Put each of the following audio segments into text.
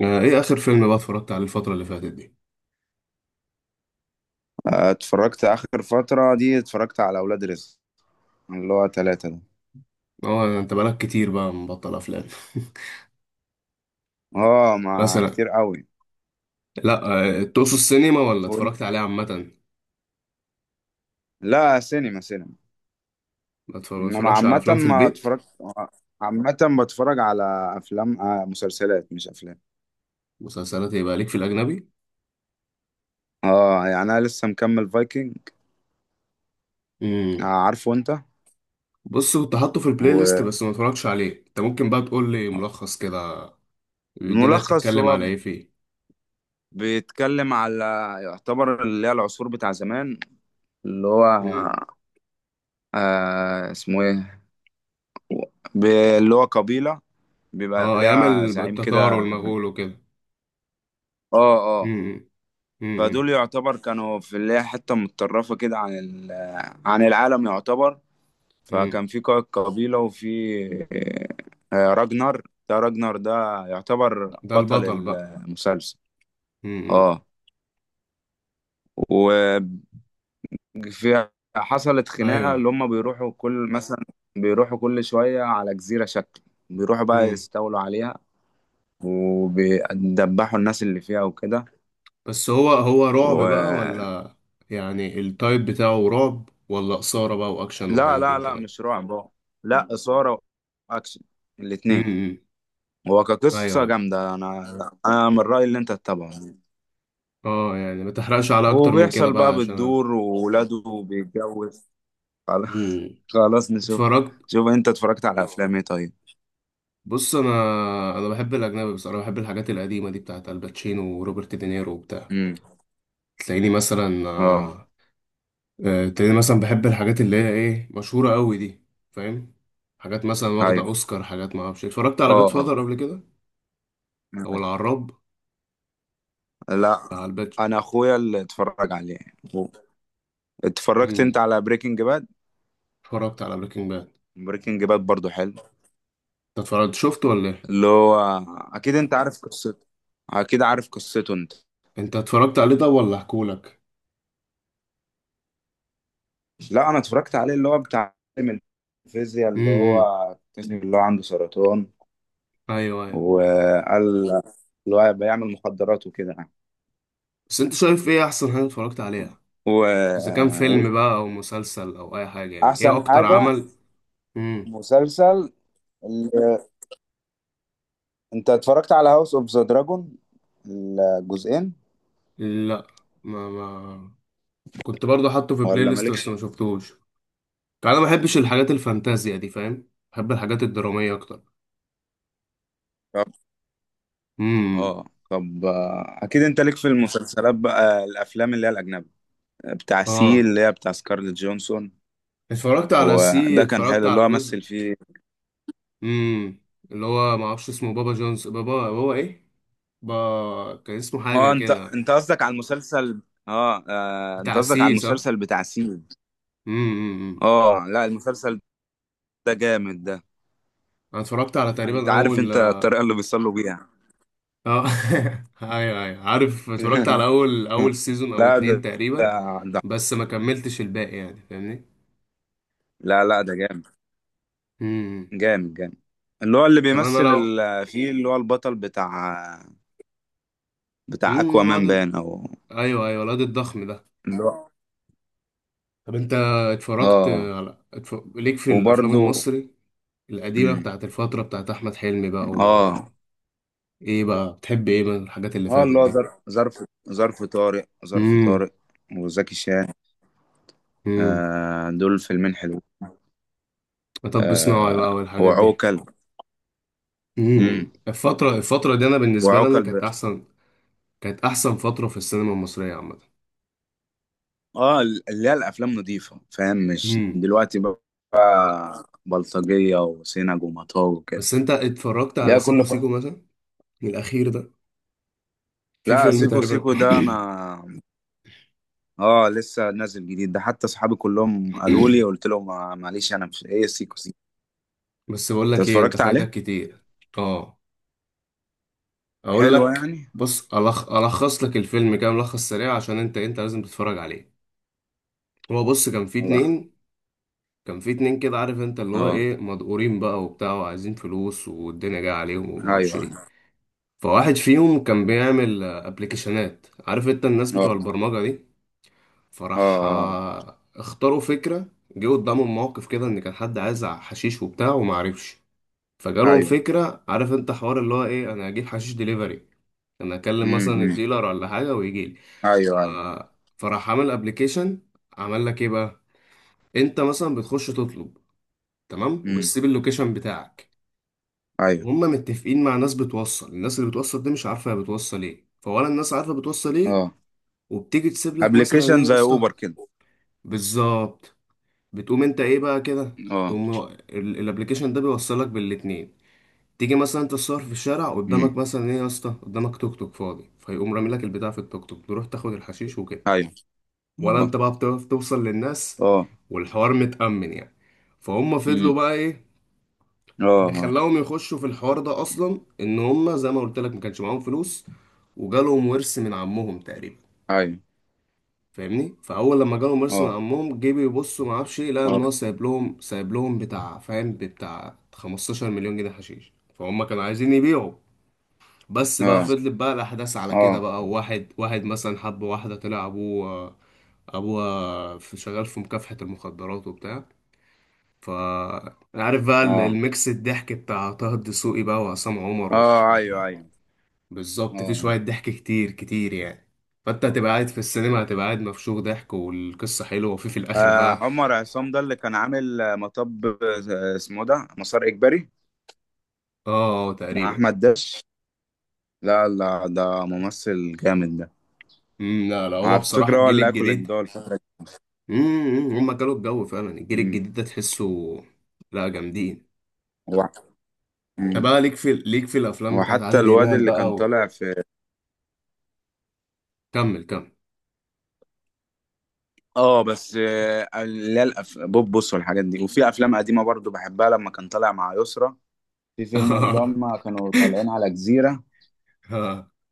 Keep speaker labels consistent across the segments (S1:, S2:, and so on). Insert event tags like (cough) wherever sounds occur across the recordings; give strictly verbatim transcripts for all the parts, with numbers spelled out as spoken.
S1: آه، ايه اخر فيلم بقى اتفرجت عليه الفترة اللي فاتت دي؟
S2: آه، اتفرجت اخر فترة دي اتفرجت على اولاد رزق، اللي هو ثلاثة ده.
S1: اه انت بقالك كتير بقى مبطل افلام.
S2: اه،
S1: (laughs)
S2: مع
S1: مثلا؟
S2: كتير قوي.
S1: لا. آه، تقصد السينما ولا اتفرجت
S2: وانت-
S1: عليه عامة؟
S2: لا، سينما سينما.
S1: ما اتفر- ما
S2: انما
S1: اتفرجش على
S2: عامة
S1: افلام في
S2: ما
S1: البيت؟
S2: اتفرجت. آه، عامة بتفرج على افلام. آه مسلسلات مش افلام.
S1: مسلسلات يبقى ليك في الاجنبي؟
S2: اه يعني انا لسه مكمل فايكنج. آه
S1: امم
S2: عارفه انت.
S1: بص، كنت حاطه في البلاي ليست بس ما اتفرجتش عليه. انت ممكن بقى تقول لي ملخص كده، الدنيا
S2: والملخص
S1: بتتكلم
S2: هو
S1: على ايه فيه؟
S2: بيتكلم على، يعتبر اللي هي العصور بتاع زمان، اللي هو
S1: امم
S2: آه اسمه ايه، ب- اللي هو قبيلة بيبقى
S1: اه، ايام
S2: ليها
S1: ال-
S2: زعيم
S1: التتار
S2: كده.
S1: والمغول وكده.
S2: اه. اه.
S1: امم امم
S2: فدول يعتبر كانوا في اللي هي حتة متطرفة كده عن ال- عن العالم يعتبر.
S1: امم
S2: فكان في قائد قبيلة وفي آه، راجنر. ده راجنر ده يعتبر
S1: ده
S2: بطل
S1: البطل بقى.
S2: المسلسل.
S1: امم.
S2: اه. وفي حصلت
S1: ايوه.
S2: خناقة اللي هم بيروحوا كل مثلا بيروحوا كل شوية على جزيرة شكل، بيروحوا بقى يستولوا عليها وبيدبحوا الناس اللي فيها
S1: بس هو هو رعب بقى
S2: وكده.
S1: ولا يعني التايب بتاعه رعب ولا إثارة بقى وأكشن
S2: لا
S1: وحاجات
S2: لا
S1: من
S2: لا،
S1: كده؟
S2: مش رعب هو. لا، إثارة وأكشن، الاتنين.
S1: امم
S2: هو
S1: أيوه
S2: كقصة
S1: أيوه.
S2: جامدة، أنا أنا من رأيي اللي أنت تتابعه يعني.
S1: أه يعني ما تحرقش على أكتر من كده
S2: وبيحصل
S1: بقى
S2: بقى
S1: عشان.
S2: بتدور وولاده بيتجوز. خلاص.
S1: امم
S2: خلاص نشوف.
S1: اتفرجت.
S2: شوف أنت اتفرجت على أفلام إيه طيب.
S1: بص، أنا أنا بحب الأجنبي بصراحة، بحب الحاجات القديمة دي بتاعت الباتشينو وروبرت دينيرو وبتاع.
S2: امم.
S1: تلاقيني مثلا.
S2: اه.
S1: آه، آه، تلاقيني مثلا بحب الحاجات اللي هي إيه، مشهورة أوي دي، فاهم؟ حاجات مثلا واخدة
S2: أيوه.
S1: أوسكار، حاجات ما أعرفش إيه. اتفرجت على
S2: اه.
S1: جاد
S2: اه.
S1: فاذر قبل كده، أو العراب،
S2: لا،
S1: بتاع الباتش.
S2: أنا أخويا اللي اتفرج عليه. هو- اتفرجت أنت على بريكنج باد؟
S1: اتفرجت على بريكنج باد.
S2: بريكنج باد برضو حلو.
S1: انت اتفرجت شفته ولا ايه؟
S2: اللي هو أكيد أنت عارف قصته، أكيد عارف قصته أنت.
S1: انت اتفرجت عليه ده ولا احكولك؟
S2: لا، انا اتفرجت عليه، اللي هو بتاع عالم الفيزياء، اللي هو
S1: امم.
S2: اكتشف اللي هو عنده سرطان
S1: ايوه ايوه.
S2: وقال اللي هو بيعمل مخدرات وكده يعني.
S1: بس انت شايف ايه احسن حاجه اتفرجت عليها،
S2: و...
S1: اذا كان فيلم بقى او مسلسل او اي حاجه، يعني ايه
S2: احسن
S1: اكتر
S2: حاجة،
S1: عمل؟ امم.
S2: مسلسل. ال- انت اتفرجت على هاوس اوف ذا دراجون الجزئين؟
S1: لا. ما ما كنت برضه حاطه في بلاي
S2: ولا
S1: ليست بس
S2: مالكش.
S1: ما شفتوش. يعني انا ما بحبش الحاجات الفانتازيا دي، فاهم، بحب الحاجات الدراميه اكتر.
S2: طب.
S1: امم.
S2: اه طب آه، اكيد انت ليك في المسلسلات بقى الافلام اللي هي الاجنبي، بتاع سي
S1: اه،
S2: اللي هي بتاع سكارليت جونسون.
S1: اتفرجت على سي،
S2: وده كان
S1: اتفرجت
S2: حلو، اللي
S1: على
S2: هو
S1: الجزء.
S2: مثل فيه.
S1: امم. اللي هو ما اعرفش اسمه، بابا جونز، بابا بابا ايه، ب... كان اسمه حاجة
S2: اه انت
S1: كده.
S2: انت قصدك على المسلسل. اه، آه، انت
S1: بتاع
S2: قصدك على
S1: سي، صح؟
S2: المسلسل بتاع سيد.
S1: امم امم، امم.
S2: اه. لا، المسلسل ده جامد ده.
S1: أنا اتفرجت على
S2: انت
S1: تقريبا
S2: عارف
S1: أول،
S2: انت
S1: اه.
S2: الطريقة اللي بيصلوا بيها.
S1: (laughs) أيوه أيوه عارف، اتفرجت على
S2: (laughs)
S1: أول أول سيزون أو
S2: لا
S1: اتنين
S2: ده
S1: تقريبا،
S2: ده ده-
S1: بس ما كملتش الباقي، يعني فاهمني؟
S2: لا لا، ده جامد،
S1: امم امم.
S2: جامد جامد. اللي هو اللي
S1: طب أنا
S2: بيمثل
S1: لو.
S2: ال- فيه اللي هو البطل بتاع، بتاع
S1: امم.
S2: اكوا مان
S1: الواد.
S2: بان او،
S1: أيوه أيوه، الواد الضخم ده.
S2: اللي هو.
S1: طب أنت، اتفرجت
S2: اه
S1: على اتف... ليك في الأفلام
S2: وبرده.
S1: المصري القديمة
S2: مم.
S1: بتاعت الفترة بتاعت أحمد حلمي بقى و،
S2: اه.
S1: إيه بقى بتحب إيه من الحاجات اللي
S2: اه.
S1: فاتت
S2: اللي هو
S1: دي؟
S2: ظرف ظرف ظرف طارق ظرف
S1: امم
S2: طارق وزكي شان.
S1: امم.
S2: آه دول فيلمين حلو.
S1: مطب صناعي بقى
S2: آه
S1: والحاجات دي.
S2: وعوكل. امم.
S1: امم الفترة الفترة دي انا بالنسبة لي انا
S2: وعوكل ب...
S1: كانت احسن، كانت احسن فترة في السينما المصرية عامة.
S2: اه، اللي هي الافلام نظيفه فاهم، مش
S1: امم.
S2: دلوقتي بقى بلطجيه وسينج ومطاوي وكده.
S1: بس انت اتفرجت على
S2: لا
S1: سيكو
S2: كل ف...
S1: سيكو مثلا، الاخير ده؟ في
S2: لا،
S1: فيلم
S2: سيكو
S1: تقريبا.
S2: سيكو ده انا اه لسه نازل جديد ده، حتى صحابي كلهم قالوا لي،
S1: (coughs)
S2: قلت لهم ما- معلش انا مش ايه سيكو سيكو.
S1: بس بقول
S2: انت
S1: لك ايه، انت
S2: اتفرجت
S1: فايتك
S2: عليه؟
S1: كتير. اه، اقول
S2: حلو
S1: لك.
S2: يعني.
S1: بص، ألخ... الخص لك الفيلم كده ملخص سريع عشان انت انت لازم تتفرج عليه. هو بص، كان في
S2: الله.
S1: اتنين، كان في اتنين كده، عارف انت اللي هو
S2: اه.
S1: ايه، مدقورين بقى وبتاع وعايزين فلوس والدنيا جايه عليهم
S2: ايوه.
S1: ومعرفش ايه.
S2: أيوه.
S1: فواحد فيهم كان بيعمل ابلكيشنات، عارف انت الناس بتوع
S2: اه.
S1: البرمجة دي.
S2: اه.
S1: فراح
S2: آه. آه.
S1: آه، اختاروا فكرة، جه قدامهم موقف كده ان كان حد عايز حشيش وبتاع ومعرفش. فجالهم
S2: ايوه.
S1: فكرة، عارف انت حوار اللي هو ايه، انا هجيب حشيش ديليفري، انا اكلم
S2: امم.
S1: مثلا
S2: أمم.
S1: الديلر ولا حاجة ويجيلي. ف...
S2: ايوه. ايوه.
S1: فراح عامل ابلكيشن، عمل لك ايه بقى، انت مثلا بتخش تطلب، تمام،
S2: امم.
S1: وبتسيب اللوكيشن بتاعك،
S2: ايوه.
S1: وهم متفقين مع ناس بتوصل. الناس اللي بتوصل دي مش عارفه هي بتوصل ايه، فولا الناس عارفه بتوصل ايه.
S2: اه،
S1: وبتيجي تسيب لك مثلا ايه
S2: ابلكيشن
S1: يا
S2: زي
S1: اسطى،
S2: اوبر كده.
S1: بالظبط. بتقوم انت ايه بقى كده،
S2: اه.
S1: تقوم هو- ال- الابليكيشن ده بيوصلك بالاتنين. تيجي مثلا انت تصور في الشارع قدامك،
S2: امم.
S1: مثلا ايه يا اسطى قدامك توك توك فاضي، فيقوم رامي لك البتاع في التوك توك، تروح تاخد الحشيش وكده،
S2: ايوه.
S1: ولا
S2: اه.
S1: انت بقى بتعرف توصل للناس،
S2: اه.
S1: والحوار متأمن يعني. فهم فضلوا
S2: امم.
S1: بقى ايه،
S2: اه.
S1: اللي
S2: آه.
S1: خلاهم يخشوا في الحوار ده اصلا ان هم زي ما قلت لك ما كانش معاهم فلوس، وجالهم ورث من عمهم تقريبا.
S2: ايوه.
S1: فاهمني؟ فاول لما جالهم ورث من
S2: اه.
S1: عمهم جه بيبصوا ما اعرفش ايه، لقى ان
S2: اه.
S1: هو سايب لهم سايب لهم بتاع، فاهم، بتاع خمستاشر مليون جنيه حشيش. فهم كانوا عايزين يبيعوا. بس بقى
S2: اه.
S1: فضلت بقى الاحداث على كده
S2: اه.
S1: بقى، واحد واحد مثلا حب واحده طلع ابوه، ابوه في، شغال في مكافحه المخدرات وبتاع. ف، عارف بقى ال-
S2: اه.
S1: الميكس الضحك بتاع طه الدسوقي بقى وعصام عمر و،
S2: اه. ايوه. ايوه.
S1: بالظبط، في
S2: اه،
S1: شوية ضحك كتير كتير يعني. فانت هتبقى قاعد في السينما، هتبقى قاعد مفشوخ ضحك، والقصة حلوة، وفي في الآخر
S2: آه،
S1: بقى.
S2: عمر عصام ده اللي كان عامل آه، مطب، آه، اسمه ده مسار اجباري
S1: اه، آه،
S2: مع
S1: تقريبا.
S2: احمد داش. لا لا، ده ممثل جامد ده.
S1: مم، لا لا، هو
S2: على
S1: بصراحة
S2: فكره هو
S1: الجيل
S2: اللي هاكل
S1: الجديد.
S2: الجو الفتره دي.
S1: مم، مم، هما كانوا الجو فعلا، الجيل
S2: أمم.
S1: الجديد ده تحسه. لا، جامدين.
S2: هو.
S1: طب
S2: أمم.
S1: بقى، ليك في ليك في الأفلام
S2: هو
S1: بتاعت
S2: حتى
S1: عادل
S2: الواد
S1: إمام
S2: اللي كان
S1: بقى و،
S2: طالع في
S1: كمل كمل.
S2: اه، بس آه، اللي هي الأف- بوبوس والحاجات دي. وفي افلام قديمه برضو بحبها لما كان طالع مع يسرا، في فيلم اللي هم كانوا طالعين على جزيره.
S1: (laughs)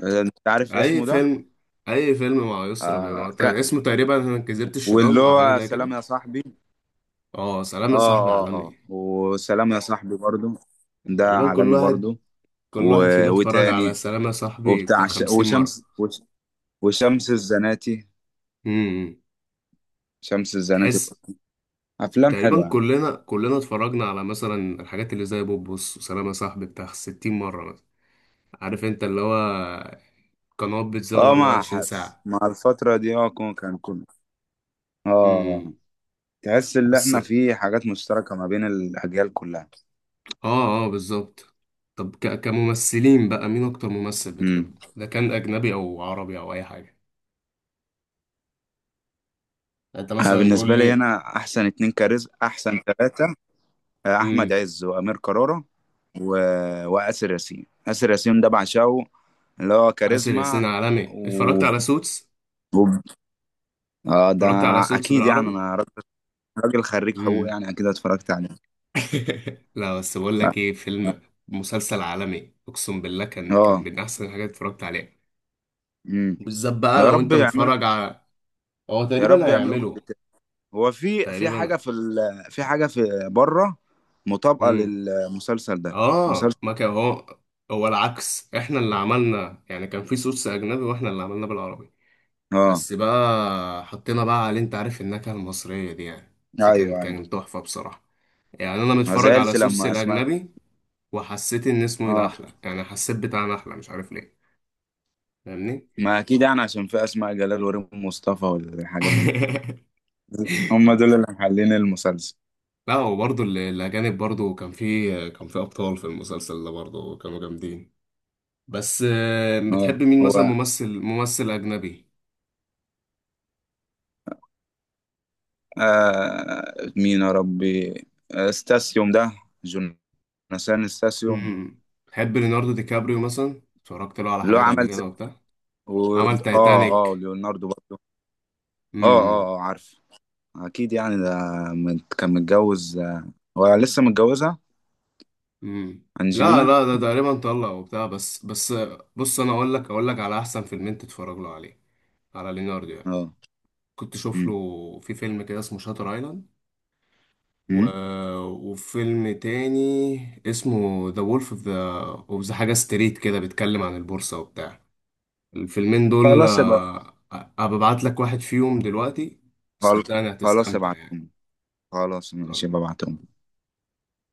S2: آه، انت عارف
S1: اي
S2: اسمه ده؟
S1: فيلم؟ اي فيلم مع يسرا
S2: آه
S1: بيبقى ت-
S2: كان،
S1: اسمه تقريبا أنا كذبت
S2: واللي
S1: الشيطان او حاجه
S2: هو
S1: زي
S2: سلام
S1: كده.
S2: يا صاحبي.
S1: اه، سلام يا
S2: اه
S1: صاحبي
S2: اه اه،
S1: عالمي.
S2: وسلام يا صاحبي برضو ده
S1: تقريبا كل
S2: عالمي
S1: واحد،
S2: برضو.
S1: كل
S2: و...
S1: واحد فينا اتفرج على
S2: وتاني.
S1: سلام يا صاحبي بتاع
S2: وبتاع ش...
S1: خمسين مره.
S2: وشمس وش... وشمس الزناتي.
S1: امم.
S2: شمس الزناتي
S1: تحس.
S2: برضو. افلام
S1: تقريبا
S2: حلوه يعني.
S1: كلنا، كلنا اتفرجنا على مثلا الحاجات اللي زي بوبوس وسلام يا صاحبي بتاع ستين مره مثلا. عارف انت اللي هو قنوات بتزوم
S2: اه، مع
S1: اربعة وعشرين
S2: حدث
S1: ساعه.
S2: مع الفتره دي اه، كون- كان كله. اه
S1: امم.
S2: آه. تحس ان
S1: بس.
S2: احنا في حاجات مشتركة ما بين الاجيال كلها.
S1: اه اه بالظبط. طب ك... كممثلين بقى، مين اكتر ممثل
S2: امم.
S1: بتحبه، ده كان اجنبي او عربي او اي حاجه؟ يعني انت
S2: انا
S1: مثلا قول
S2: بالنسبة لي
S1: لي.
S2: انا احسن اتنين كاريزما، احسن ثلاثة، آه، احمد
S1: امم.
S2: عز وامير كرارة و... واسر ياسين. اسر ياسين ده بعشقه، اللي هو
S1: آسر ياسين
S2: كاريزما.
S1: عالمي، اتفرجت
S2: و...
S1: على سوتس.
S2: و... اه، ده
S1: اتفرجت على سوتس
S2: اكيد يعني،
S1: بالعربي.
S2: انا راجل، راجل خريج حقوق
S1: امم.
S2: يعني، اكيد اتفرجت عليه.
S1: (laughs) لا بس بقول لك ايه، فيلم، مسلسل عالمي، اقسم بالله، كان كان
S2: اه.
S1: من احسن الحاجات اللي اتفرجت عليها.
S2: امم.
S1: بالذات بقى
S2: يا
S1: لو
S2: رب
S1: انت
S2: يعملوا
S1: متفرج على، هو
S2: يا
S1: تقريبا
S2: رب يعملوا
S1: هيعمله،
S2: جزء. هو في في
S1: تقريبا.
S2: حاجة في ال... في حاجة في بره مطابقة
S1: امم.
S2: للمسلسل ده.
S1: اه،
S2: مسلسل.
S1: ما كان هو، هو العكس، احنا اللي عملنا يعني، كان في صوص اجنبي واحنا اللي عملنا بالعربي،
S2: اه،
S1: بس بقى حطينا بقى عليه انت عارف النكهة المصرية دي يعني.
S2: ايوه
S1: فكان
S2: ايوه.
S1: كان تحفة بصراحة، يعني انا
S2: انا
S1: متفرج على
S2: زعلت
S1: صوص
S2: لما اسماء.
S1: الاجنبي وحسيت ان اسمه ايه ده
S2: اه،
S1: احلى، يعني حسيت بتاعنا احلى مش عارف ليه، فاهمني؟
S2: ما اكيد يعني عشان في اسماء جلال وريم مصطفى والحاجات دي.
S1: (laughs)
S2: هم دول اللي محللين المسلسل.
S1: لا، وبرضه ال- الاجانب برضه كان في كان في ابطال في المسلسل ده برضه كانوا جامدين. بس آه، بتحب
S2: اه.
S1: مين
S2: هو
S1: مثلا، ممثل، ممثل اجنبي؟
S2: آه مين يا ربي. آه، استاسيوم ده، جوناثان استاسيوم.
S1: امم. تحب ليوناردو دي كابريو مثلا؟ اتفرجت له على
S2: اللي هو
S1: حاجات قبل
S2: عمل
S1: كده
S2: زي
S1: وبتاع،
S2: و...
S1: عمل
S2: اه. اه،
S1: تايتانيك.
S2: ليوناردو برضه. اه.
S1: امم.
S2: اه. آه، عارف، اكيد يعني ده مت- كان متجوز، آه، هو لسه متجوزها،
S1: امم. لا
S2: انجلينا.
S1: لا، ده تقريبا طلع وبتاع بس. بس بص انا اقول لك، اقول لك على احسن فيلمين تتفرج له عليه، على ليوناردو يعني.
S2: اه.
S1: كنت شوف
S2: أمم.
S1: له في فيلم كده اسمه شاتر ايلاند، و،
S2: أمم.
S1: وفيلم تاني اسمه ذا وولف اوف ذا، اوف ذا حاجه ستريت كده، بيتكلم عن البورصه وبتاع. الفيلمين دول
S2: خلاص يبقى.
S1: آه، أ- أبقى ابعت لك واحد فيهم دلوقتي،
S2: خل-
S1: صدقني
S2: خلاص
S1: هتستمتع يعني.
S2: ابعتهم. خلاص ماشي ببعتهم.